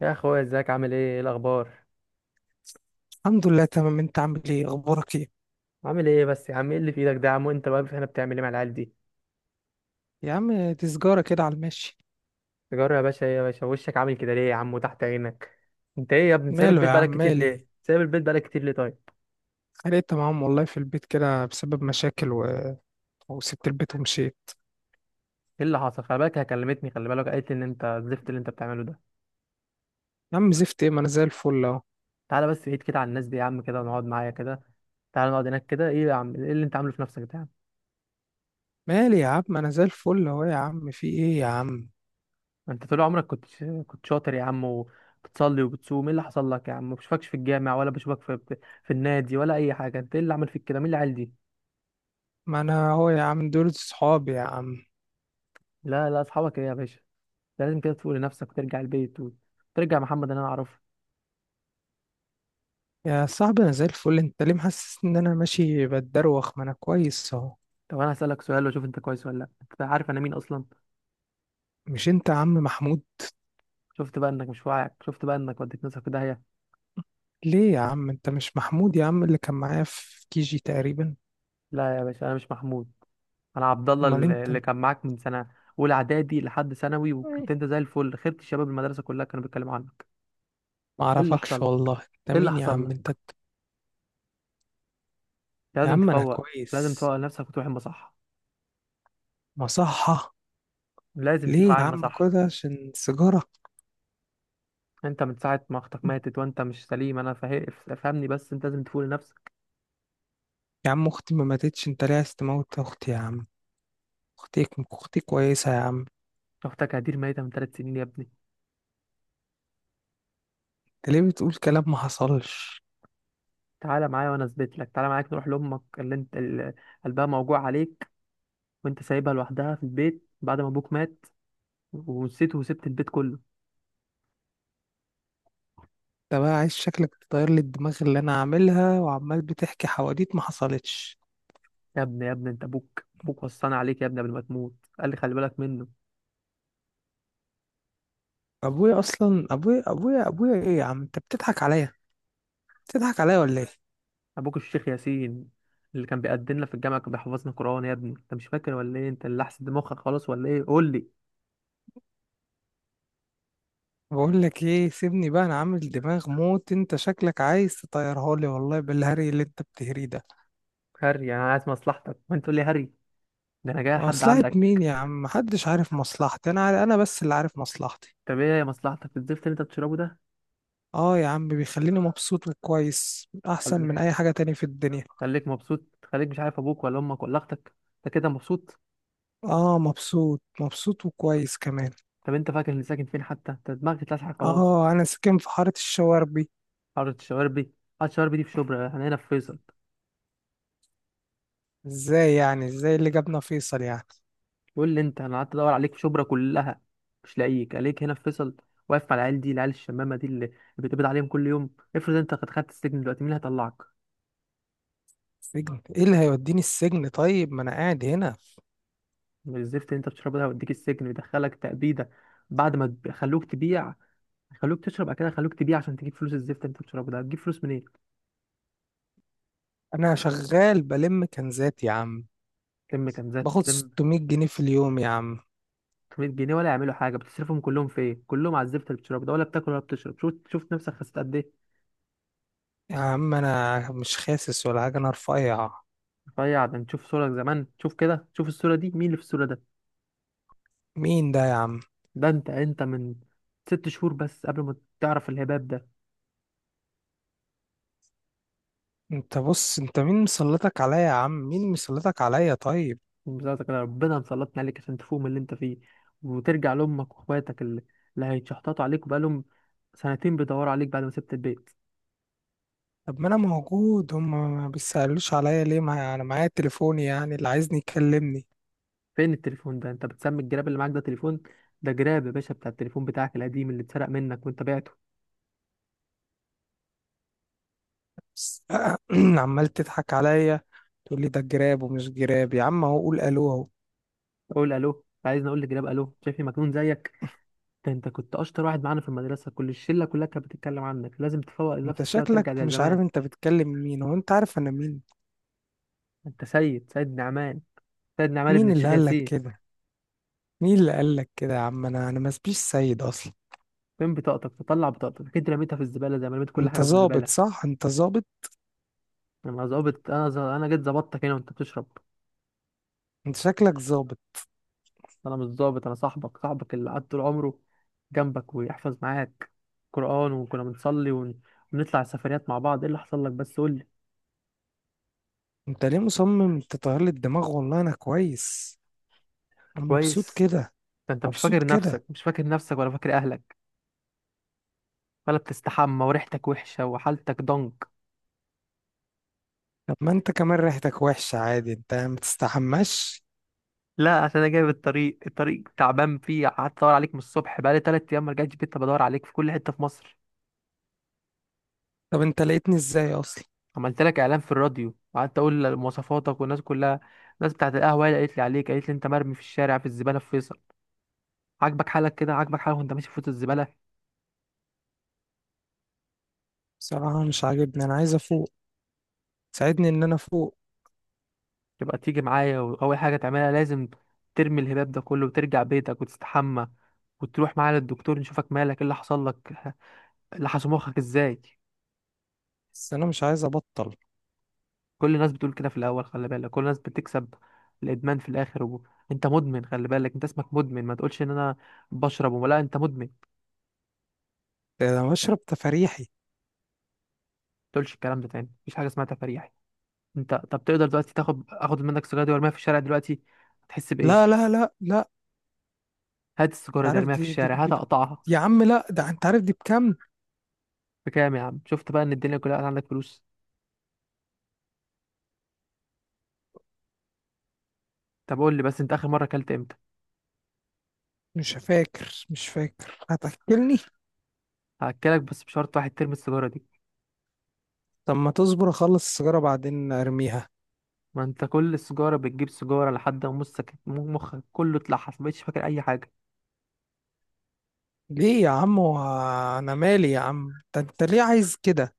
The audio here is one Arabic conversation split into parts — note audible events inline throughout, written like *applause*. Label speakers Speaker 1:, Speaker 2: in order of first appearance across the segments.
Speaker 1: يا اخويا، ازيك؟ عامل ايه؟ ايه الاخبار؟
Speaker 2: الحمد لله، تمام. انت عامل ايه؟ اخبارك ايه؟
Speaker 1: عامل ايه بس يا عم؟ ايه اللي في ايدك ده يا عم؟ وانت واقف هنا بتعمل ايه مع العيال دي؟
Speaker 2: يا عم، دي سجارة كده على الماشي.
Speaker 1: تجرب يا باشا؟ ايه يا باشا وشك عامل كده ليه يا عم؟ وتحت عينك؟ انت ايه يا ابني؟ سايب
Speaker 2: ماله
Speaker 1: البيت
Speaker 2: يا عم؟
Speaker 1: بقالك كتير
Speaker 2: مالي.
Speaker 1: ليه؟ سايب البيت بقالك كتير ليه طيب؟
Speaker 2: اتخانقت معاهم والله في البيت كده بسبب مشاكل وسبت البيت ومشيت.
Speaker 1: ايه اللي حصل؟ خلي بالك هي كلمتني، خلي بالك قالت لي ان انت الزفت اللي انت بتعمله ده.
Speaker 2: يا عم، زفت ايه؟ ما انا زي الفل اهو.
Speaker 1: تعالى بس بعيد كده عن الناس دي يا عم، كده ونقعد معايا كده. تعالى نقعد هناك كده. ايه يا عم؟ ايه اللي انت عامله في نفسك ده يا عم؟
Speaker 2: مالي يا عم، ما انا زي الفل اهو يا عم. في ايه يا عم؟
Speaker 1: انت طول عمرك كنت شاطر يا عم، وبتصلي وبتصوم. ايه اللي حصل لك يا عم؟ ما بشوفكش في الجامع، ولا بشوفك في في النادي ولا اي حاجه. انت ايه اللي عمل فيك كده؟ مين العيال دي؟
Speaker 2: ما انا اهو يا عم، دول صحابي يا عم.
Speaker 1: لا لا، اصحابك ايه يا باشا؟ ده لازم كده تفوق لنفسك وترجع البيت، وترجع محمد اللي انا اعرفه.
Speaker 2: يا صاحبي، انا زي الفل. انت ليه محسس ان انا ماشي بتدروخ؟ ما انا كويس اهو.
Speaker 1: طب انا هسألك سؤال واشوف انت كويس ولا لا. انت عارف انا مين اصلا؟
Speaker 2: مش انت يا عم محمود؟
Speaker 1: شفت بقى انك مش واعي؟ شفت بقى انك وديت نفسك في داهية؟
Speaker 2: ليه يا عم؟ انت مش محمود يا عم اللي كان معايا في كيجي تقريبا؟
Speaker 1: لا يا باشا انا مش محمود، انا عبد الله
Speaker 2: امال
Speaker 1: اللي
Speaker 2: انت؟
Speaker 1: اللي كان معاك من سنة اولى اعدادي لحد ثانوي، وكنت انت زي الفل، خيرت الشباب، المدرسة كلها كانوا بيتكلموا عنك.
Speaker 2: ما
Speaker 1: ايه اللي حصل
Speaker 2: اعرفكش
Speaker 1: لك؟
Speaker 2: والله. انت
Speaker 1: ايه اللي
Speaker 2: مين يا
Speaker 1: حصل
Speaker 2: عم انت؟
Speaker 1: لك؟
Speaker 2: يا
Speaker 1: لازم
Speaker 2: عم انا
Speaker 1: تفوق. لازم
Speaker 2: كويس.
Speaker 1: تفوق لنفسك وتروح المصحة.
Speaker 2: مصحة؟
Speaker 1: لازم تيجي
Speaker 2: ليه يا
Speaker 1: معايا
Speaker 2: عم
Speaker 1: المصحة.
Speaker 2: كده؟ عشان سيجارة؟
Speaker 1: انت من ساعة ما اختك ماتت وانت مش سليم، انا فهمني بس، انت لازم تفوق لنفسك.
Speaker 2: يا عم اختي ما ماتتش. انت ليه عايز تموت اختي يا عم؟ اختي، اختي كويسة يا عم.
Speaker 1: اختك هدير ميتة من 3 سنين يا ابني.
Speaker 2: انت ليه بتقول كلام ما حصلش؟
Speaker 1: تعالى معايا وانا اثبت لك، تعالى معاك نروح لامك اللي انت اللي قلبها موجوع عليك، وانت سايبها لوحدها في البيت بعد ما ابوك مات ونسيته وسبت البيت كله.
Speaker 2: انت بقى عايز، شكلك تطير لي الدماغ اللي انا عاملها وعمال بتحكي حواديت ما حصلتش.
Speaker 1: يا ابني يا ابني، انت ابوك وصانا عليك يا ابني قبل ما تموت، قال لي خلي بالك منه.
Speaker 2: ابويا اصلا، ابويا ايه يا عم؟ انت بتضحك عليا، بتضحك عليا ولا ايه؟
Speaker 1: ابوك الشيخ ياسين اللي كان بيقدمنا في الجامعة، كان بيحفظنا قرآن يا ابني. انت مش فاكر ولا ايه؟ انت اللي احسن، دماغك خلاص ولا ايه؟ قول لي.
Speaker 2: بقول لك ايه، سيبني بقى. انا عامل دماغ موت، انت شكلك عايز تطيرها لي والله بالهري اللي انت بتهريه ده.
Speaker 1: هري؟ انا عايز مصلحتك وانت تقول لي هري؟ ده انا جاي لحد
Speaker 2: مصلحة
Speaker 1: عندك.
Speaker 2: مين يا عم؟ محدش عارف مصلحتي. انا عارف، انا بس اللي عارف مصلحتي.
Speaker 1: طب ايه مصلحتك؟ الزفت اللي انت بتشربه
Speaker 2: اه يا عم، بيخليني مبسوط وكويس احسن
Speaker 1: ده؟
Speaker 2: من اي حاجة تاني في الدنيا.
Speaker 1: خليك مبسوط، خليك مش عارف ابوك ولا امك ولا اختك. انت كده مبسوط؟
Speaker 2: اه، مبسوط مبسوط وكويس كمان.
Speaker 1: طب انت فاكر اني ساكن فين حتى؟ انت دماغك اتلسعت خلاص.
Speaker 2: اه انا ساكن في حارة الشواربي.
Speaker 1: حاره الشواربي؟ حاره الشواربي دي في شبرا، احنا هنا في فيصل.
Speaker 2: ازاي يعني؟ ازاي اللي جابنا فيصل يعني؟
Speaker 1: قول لي انت. انا قعدت ادور عليك في شبرا كلها مش لاقيك، عليك هنا في فيصل واقف مع العيال دي، العيال الشمامه دي اللي بتقبض عليهم كل يوم. افرض انت قد خدت السجن دلوقتي، مين اللي هيطلعك؟
Speaker 2: سجن ايه اللي هيوديني السجن؟ طيب ما انا قاعد هنا.
Speaker 1: من الزفت اللي انت بتشربه ده ويديك السجن ويدخلك تأبيده. بعد ما خلوك تبيع، خلوك تشرب، بعد كده خلوك تبيع عشان تجيب فلوس. الزفت اللي انت بتشربه ده هتجيب فلوس منين؟
Speaker 2: انا شغال بلم كنزات يا عم،
Speaker 1: تلم كنزات؟
Speaker 2: باخد
Speaker 1: تلم
Speaker 2: 600 جنيه في اليوم يا عم.
Speaker 1: 300 جنيه ولا يعملوا حاجه؟ بتصرفهم كلهم في ايه؟ كلهم على الزفت اللي بتشرب ده، ولا بتاكل ولا بتشرب. شوف شوف نفسك خسيت قد ايه.
Speaker 2: يا عم انا مش خاسس ولا حاجه، انا رفيع.
Speaker 1: رفيع؟ ده انت شوف صورك زمان، شوف كده، شوف الصوره دي. مين اللي في الصوره ده؟
Speaker 2: مين ده يا عم؟
Speaker 1: ده انت من 6 شهور بس قبل ما تعرف الهباب ده.
Speaker 2: انت بص، انت مين مسلطك عليا يا عم؟ مين مسلطك عليا طيب؟
Speaker 1: ومزازك كده ربنا مسلطني عليك عشان تفوق من اللي انت فيه وترجع لامك واخواتك اللي هيتشحططوا عليك، وبقالهم سنتين بيدوروا عليك بعد ما سبت البيت.
Speaker 2: طب ما انا موجود هم. ما بيسألوش عليا ليه؟ ما انا معايا تليفوني يعني، اللي عايزني يكلمني.
Speaker 1: فين التليفون ده؟ انت بتسمي الجراب اللي معاك ده تليفون؟ ده جراب يا باشا بتاع التليفون بتاعك القديم اللي اتسرق منك وانت بعته.
Speaker 2: بس *clears throat* عمال تضحك عليا. تقول لي ده جراب ومش جراب يا عم. اهو قول الو اهو.
Speaker 1: اقول الو؟ عايزني اقول لجلاب الو؟ شايفني مجنون زيك؟ ده انت كنت اشطر واحد معانا في المدرسه، كل الشله كلها كانت بتتكلم عنك. لازم تفوق
Speaker 2: انت
Speaker 1: لنفسك كده
Speaker 2: شكلك
Speaker 1: وترجع زي
Speaker 2: مش
Speaker 1: زمان.
Speaker 2: عارف انت بتكلم مين. هو انت عارف انا مين؟
Speaker 1: انت سيد نعمان، سيد نعمان ابن
Speaker 2: مين اللي
Speaker 1: الشيخ
Speaker 2: قالك
Speaker 1: ياسين.
Speaker 2: كده؟ مين اللي قالك كده يا عم؟ انا ما اسبيش سيد اصلا.
Speaker 1: فين بطاقتك؟ تطلع بطاقتك؟ اكيد رميتها في الزباله زي ما رميت كل
Speaker 2: انت
Speaker 1: حاجه في الزباله.
Speaker 2: ظابط صح؟ انت ظابط؟
Speaker 1: انا ظابط؟ انا جيت ظبطتك هنا وانت بتشرب.
Speaker 2: انت شكلك ظابط.
Speaker 1: انا مش ظابط، انا صاحبك، صاحبك اللي قعد طول عمره جنبك ويحفظ معاك قران، ونطلع سفريات مع بعض. ايه اللي حصل لك بس قول لي.
Speaker 2: انت ليه مصمم تطير لي الدماغ؟ والله انا كويس، انا مبسوط
Speaker 1: كويس؟
Speaker 2: كده.
Speaker 1: ده انت مش
Speaker 2: مبسوط
Speaker 1: فاكر
Speaker 2: كده.
Speaker 1: نفسك، مش فاكر نفسك ولا فاكر اهلك، ولا بتستحمى، وريحتك وحشة، وحالتك ضنك.
Speaker 2: طب ما انت كمان ريحتك وحشة عادي، انت ما تستحماش.
Speaker 1: لا، عشان انا جاي بالطريق، الطريق تعبان فيه، قعدت ادور عليك من الصبح، بقالي 3 ايام ما رجعتش بيت بدور عليك في كل حتة في مصر.
Speaker 2: طب انت لقيتني ازاي اصلا؟
Speaker 1: عملت لك اعلان في الراديو وقعدت اقول مواصفاتك، والناس كلها، الناس بتاعت القهوة هي اللي قالت لي عليك، قالت لي انت مرمي في الشارع في الزبالة في فيصل. عاجبك حالك كده؟ عاجبك حالك وانت ماشي في وسط الزبالة؟
Speaker 2: بصراحة مش عاجبني، انا عايز افوق. ساعدني ان انا افوق.
Speaker 1: تبقى تيجي معايا، واول حاجة تعملها لازم ترمي الهباب ده كله وترجع بيتك وتستحمى، وتروح معايا للدكتور نشوفك مالك، ايه اللي حصل لك، لحسوا مخك ازاي.
Speaker 2: بس انا مش عايز ابطل.
Speaker 1: كل الناس بتقول كده في الاول، خلي بالك، كل الناس بتكسب الادمان في الاخر انت مدمن، خلي بالك، انت اسمك مدمن، ما تقولش ان انا بشرب وما لا، انت مدمن. ما
Speaker 2: ده انا بشرب تفاريحي.
Speaker 1: تقولش الكلام ده تاني، مفيش حاجه اسمها تفريحي. انت طب تقدر دلوقتي تاخد، اخد منك السيجاره دي وارميها في الشارع دلوقتي، هتحس
Speaker 2: لا،
Speaker 1: بايه؟
Speaker 2: لا، لا، لا.
Speaker 1: هات
Speaker 2: انت
Speaker 1: السيجاره دي
Speaker 2: عارف
Speaker 1: ارميها في
Speaker 2: دي دي,
Speaker 1: الشارع، هات
Speaker 2: دي,
Speaker 1: اقطعها.
Speaker 2: يا عم، لا، ده انت عارف دي بكام.
Speaker 1: بكام؟ يا عم شفت بقى ان الدنيا كلها عندك فلوس. طب قول لي بس، انت اخر مره اكلت امتى؟
Speaker 2: مش فاكر، مش فاكر. هتاكلني؟
Speaker 1: هاكلك بس بشرط واحد، ترمي السيجاره دي.
Speaker 2: طب ما تصبر اخلص السيجارة بعدين ارميها.
Speaker 1: ما انت كل السيجاره بتجيب سيجاره لحد ما مخك كله اتلحس، ما بقتش فاكر اي حاجه.
Speaker 2: ليه يا عم؟ هو انا مالي يا عم؟ انت ليه عايز كده؟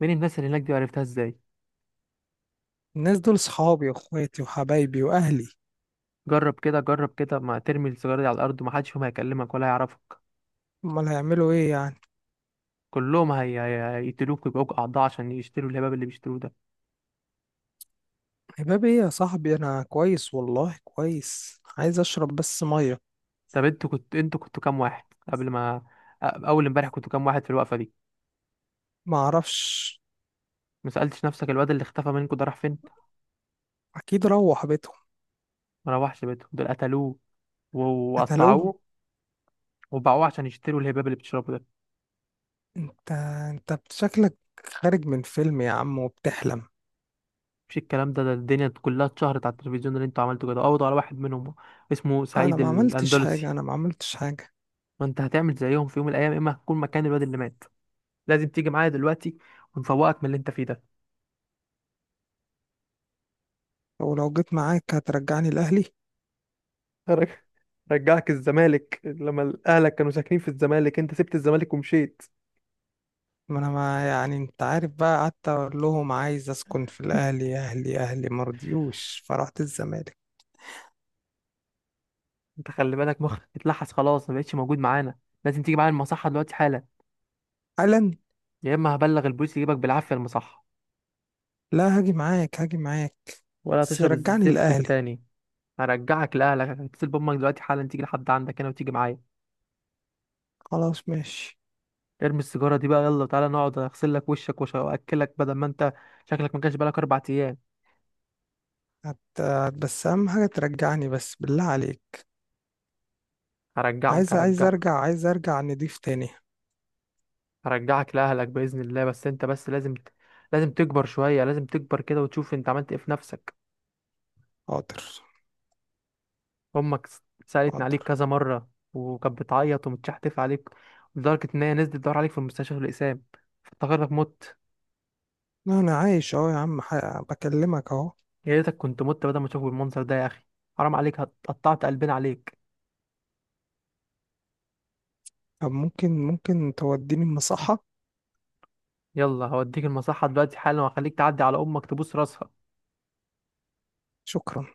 Speaker 1: مين الناس اللي هناك دي؟ وعرفتها ازاي؟
Speaker 2: الناس دول صحابي واخواتي وحبايبي واهلي.
Speaker 1: جرب كده، جرب كده، ما ترمي السيجارة دي على الأرض، ومحدش فيهم هيكلمك ولا هيعرفك.
Speaker 2: امال هيعملوا ايه يعني؟
Speaker 1: كلهم هيقتلوك ويبقوك أعضاء عشان يشتروا الهباب اللي بيشتروه ده.
Speaker 2: حباب ايه يا صاحبي؟ انا كويس والله كويس، عايز اشرب بس مية.
Speaker 1: طب انتوا كنتوا كام واحد قبل ما أول امبارح كنتوا كام واحد في الوقفة دي؟
Speaker 2: ما اعرفش.
Speaker 1: ما سألتش نفسك الواد اللي اختفى منكوا ده راح فين؟
Speaker 2: اكيد روح بيتهم.
Speaker 1: ما روحش بيته، دول قتلوه
Speaker 2: قتلوه؟
Speaker 1: وقطعوه وباعوه عشان يشتروا الهباب اللي بتشربه ده.
Speaker 2: انت انت شكلك خارج من فيلم يا عم وبتحلم.
Speaker 1: مش الكلام ده، ده الدنيا كلها اتشهرت على التلفزيون اللي انتوا عملتوا كده. قبضوا على واحد منهم اسمه
Speaker 2: انا
Speaker 1: سعيد
Speaker 2: ما عملتش
Speaker 1: الأندلسي.
Speaker 2: حاجة، انا ما عملتش حاجة.
Speaker 1: ما انت هتعمل زيهم في يوم من الأيام، يا إما هتكون مكان الواد اللي مات. لازم تيجي معايا دلوقتي ونفوقك من اللي انت فيه ده.
Speaker 2: ولو جيت معاك هترجعني لاهلي؟
Speaker 1: رج- رجعك الزمالك، لما اهلك كانوا ساكنين في الزمالك انت سبت الزمالك ومشيت.
Speaker 2: ما انا ما يعني، انت عارف بقى، قعدت اقول لهم عايز اسكن في الاهلي، اهلي مرضيوش فرحت الزمالك.
Speaker 1: انت خلي بالك، مخك اتلحس خلاص، ما بقتش موجود معانا. لازم تيجي معايا المصحة دلوقتي حالا،
Speaker 2: قال.
Speaker 1: يا اما هبلغ البوليس يجيبك بالعافية المصحة،
Speaker 2: لا، هاجي معاك، هاجي معاك.
Speaker 1: ولا
Speaker 2: بس
Speaker 1: هتشرب
Speaker 2: رجعني
Speaker 1: الزفت ده
Speaker 2: الاهلي.
Speaker 1: تاني. هرجعك لاهلك، هتصل بامك دلوقتي حالا تيجي لحد عندك هنا وتيجي معايا.
Speaker 2: خلاص، ماشي.
Speaker 1: ارمي السيجارة دي بقى، يلا تعالى نقعد هغسل لك وشك واكلك، بدل ما انت شكلك ما كانش بقالك 4 ايام.
Speaker 2: بس اهم حاجه ترجعني، بس بالله عليك.
Speaker 1: هرجعك،
Speaker 2: عايز
Speaker 1: هرجعك.
Speaker 2: ارجع، عايز ارجع نضيف تاني.
Speaker 1: هرجعك لأهلك بإذن الله، بس أنت بس لازم، لازم تكبر شوية لازم تكبر كده وتشوف أنت عملت إيه في نفسك.
Speaker 2: حاضر.
Speaker 1: أمك سألتني عليك
Speaker 2: حاضر.
Speaker 1: كذا مرة، وكانت بتعيط ومتشحتف عليك لدرجة إن هي نزلت تدور عليك في المستشفى في الإقسام، افتكرتك مت.
Speaker 2: لا انا عايش اهو يا عم، بكلمك اهو.
Speaker 1: يا ريتك كنت مت بدل ما تشوف المنظر ده يا أخي. حرام عليك، قطعت قلبنا عليك.
Speaker 2: طب ممكن توديني المصحه؟
Speaker 1: يلا هوديك المصحة دلوقتي حالا، وهخليك تعدي على أمك تبوس راسها.
Speaker 2: شكرا.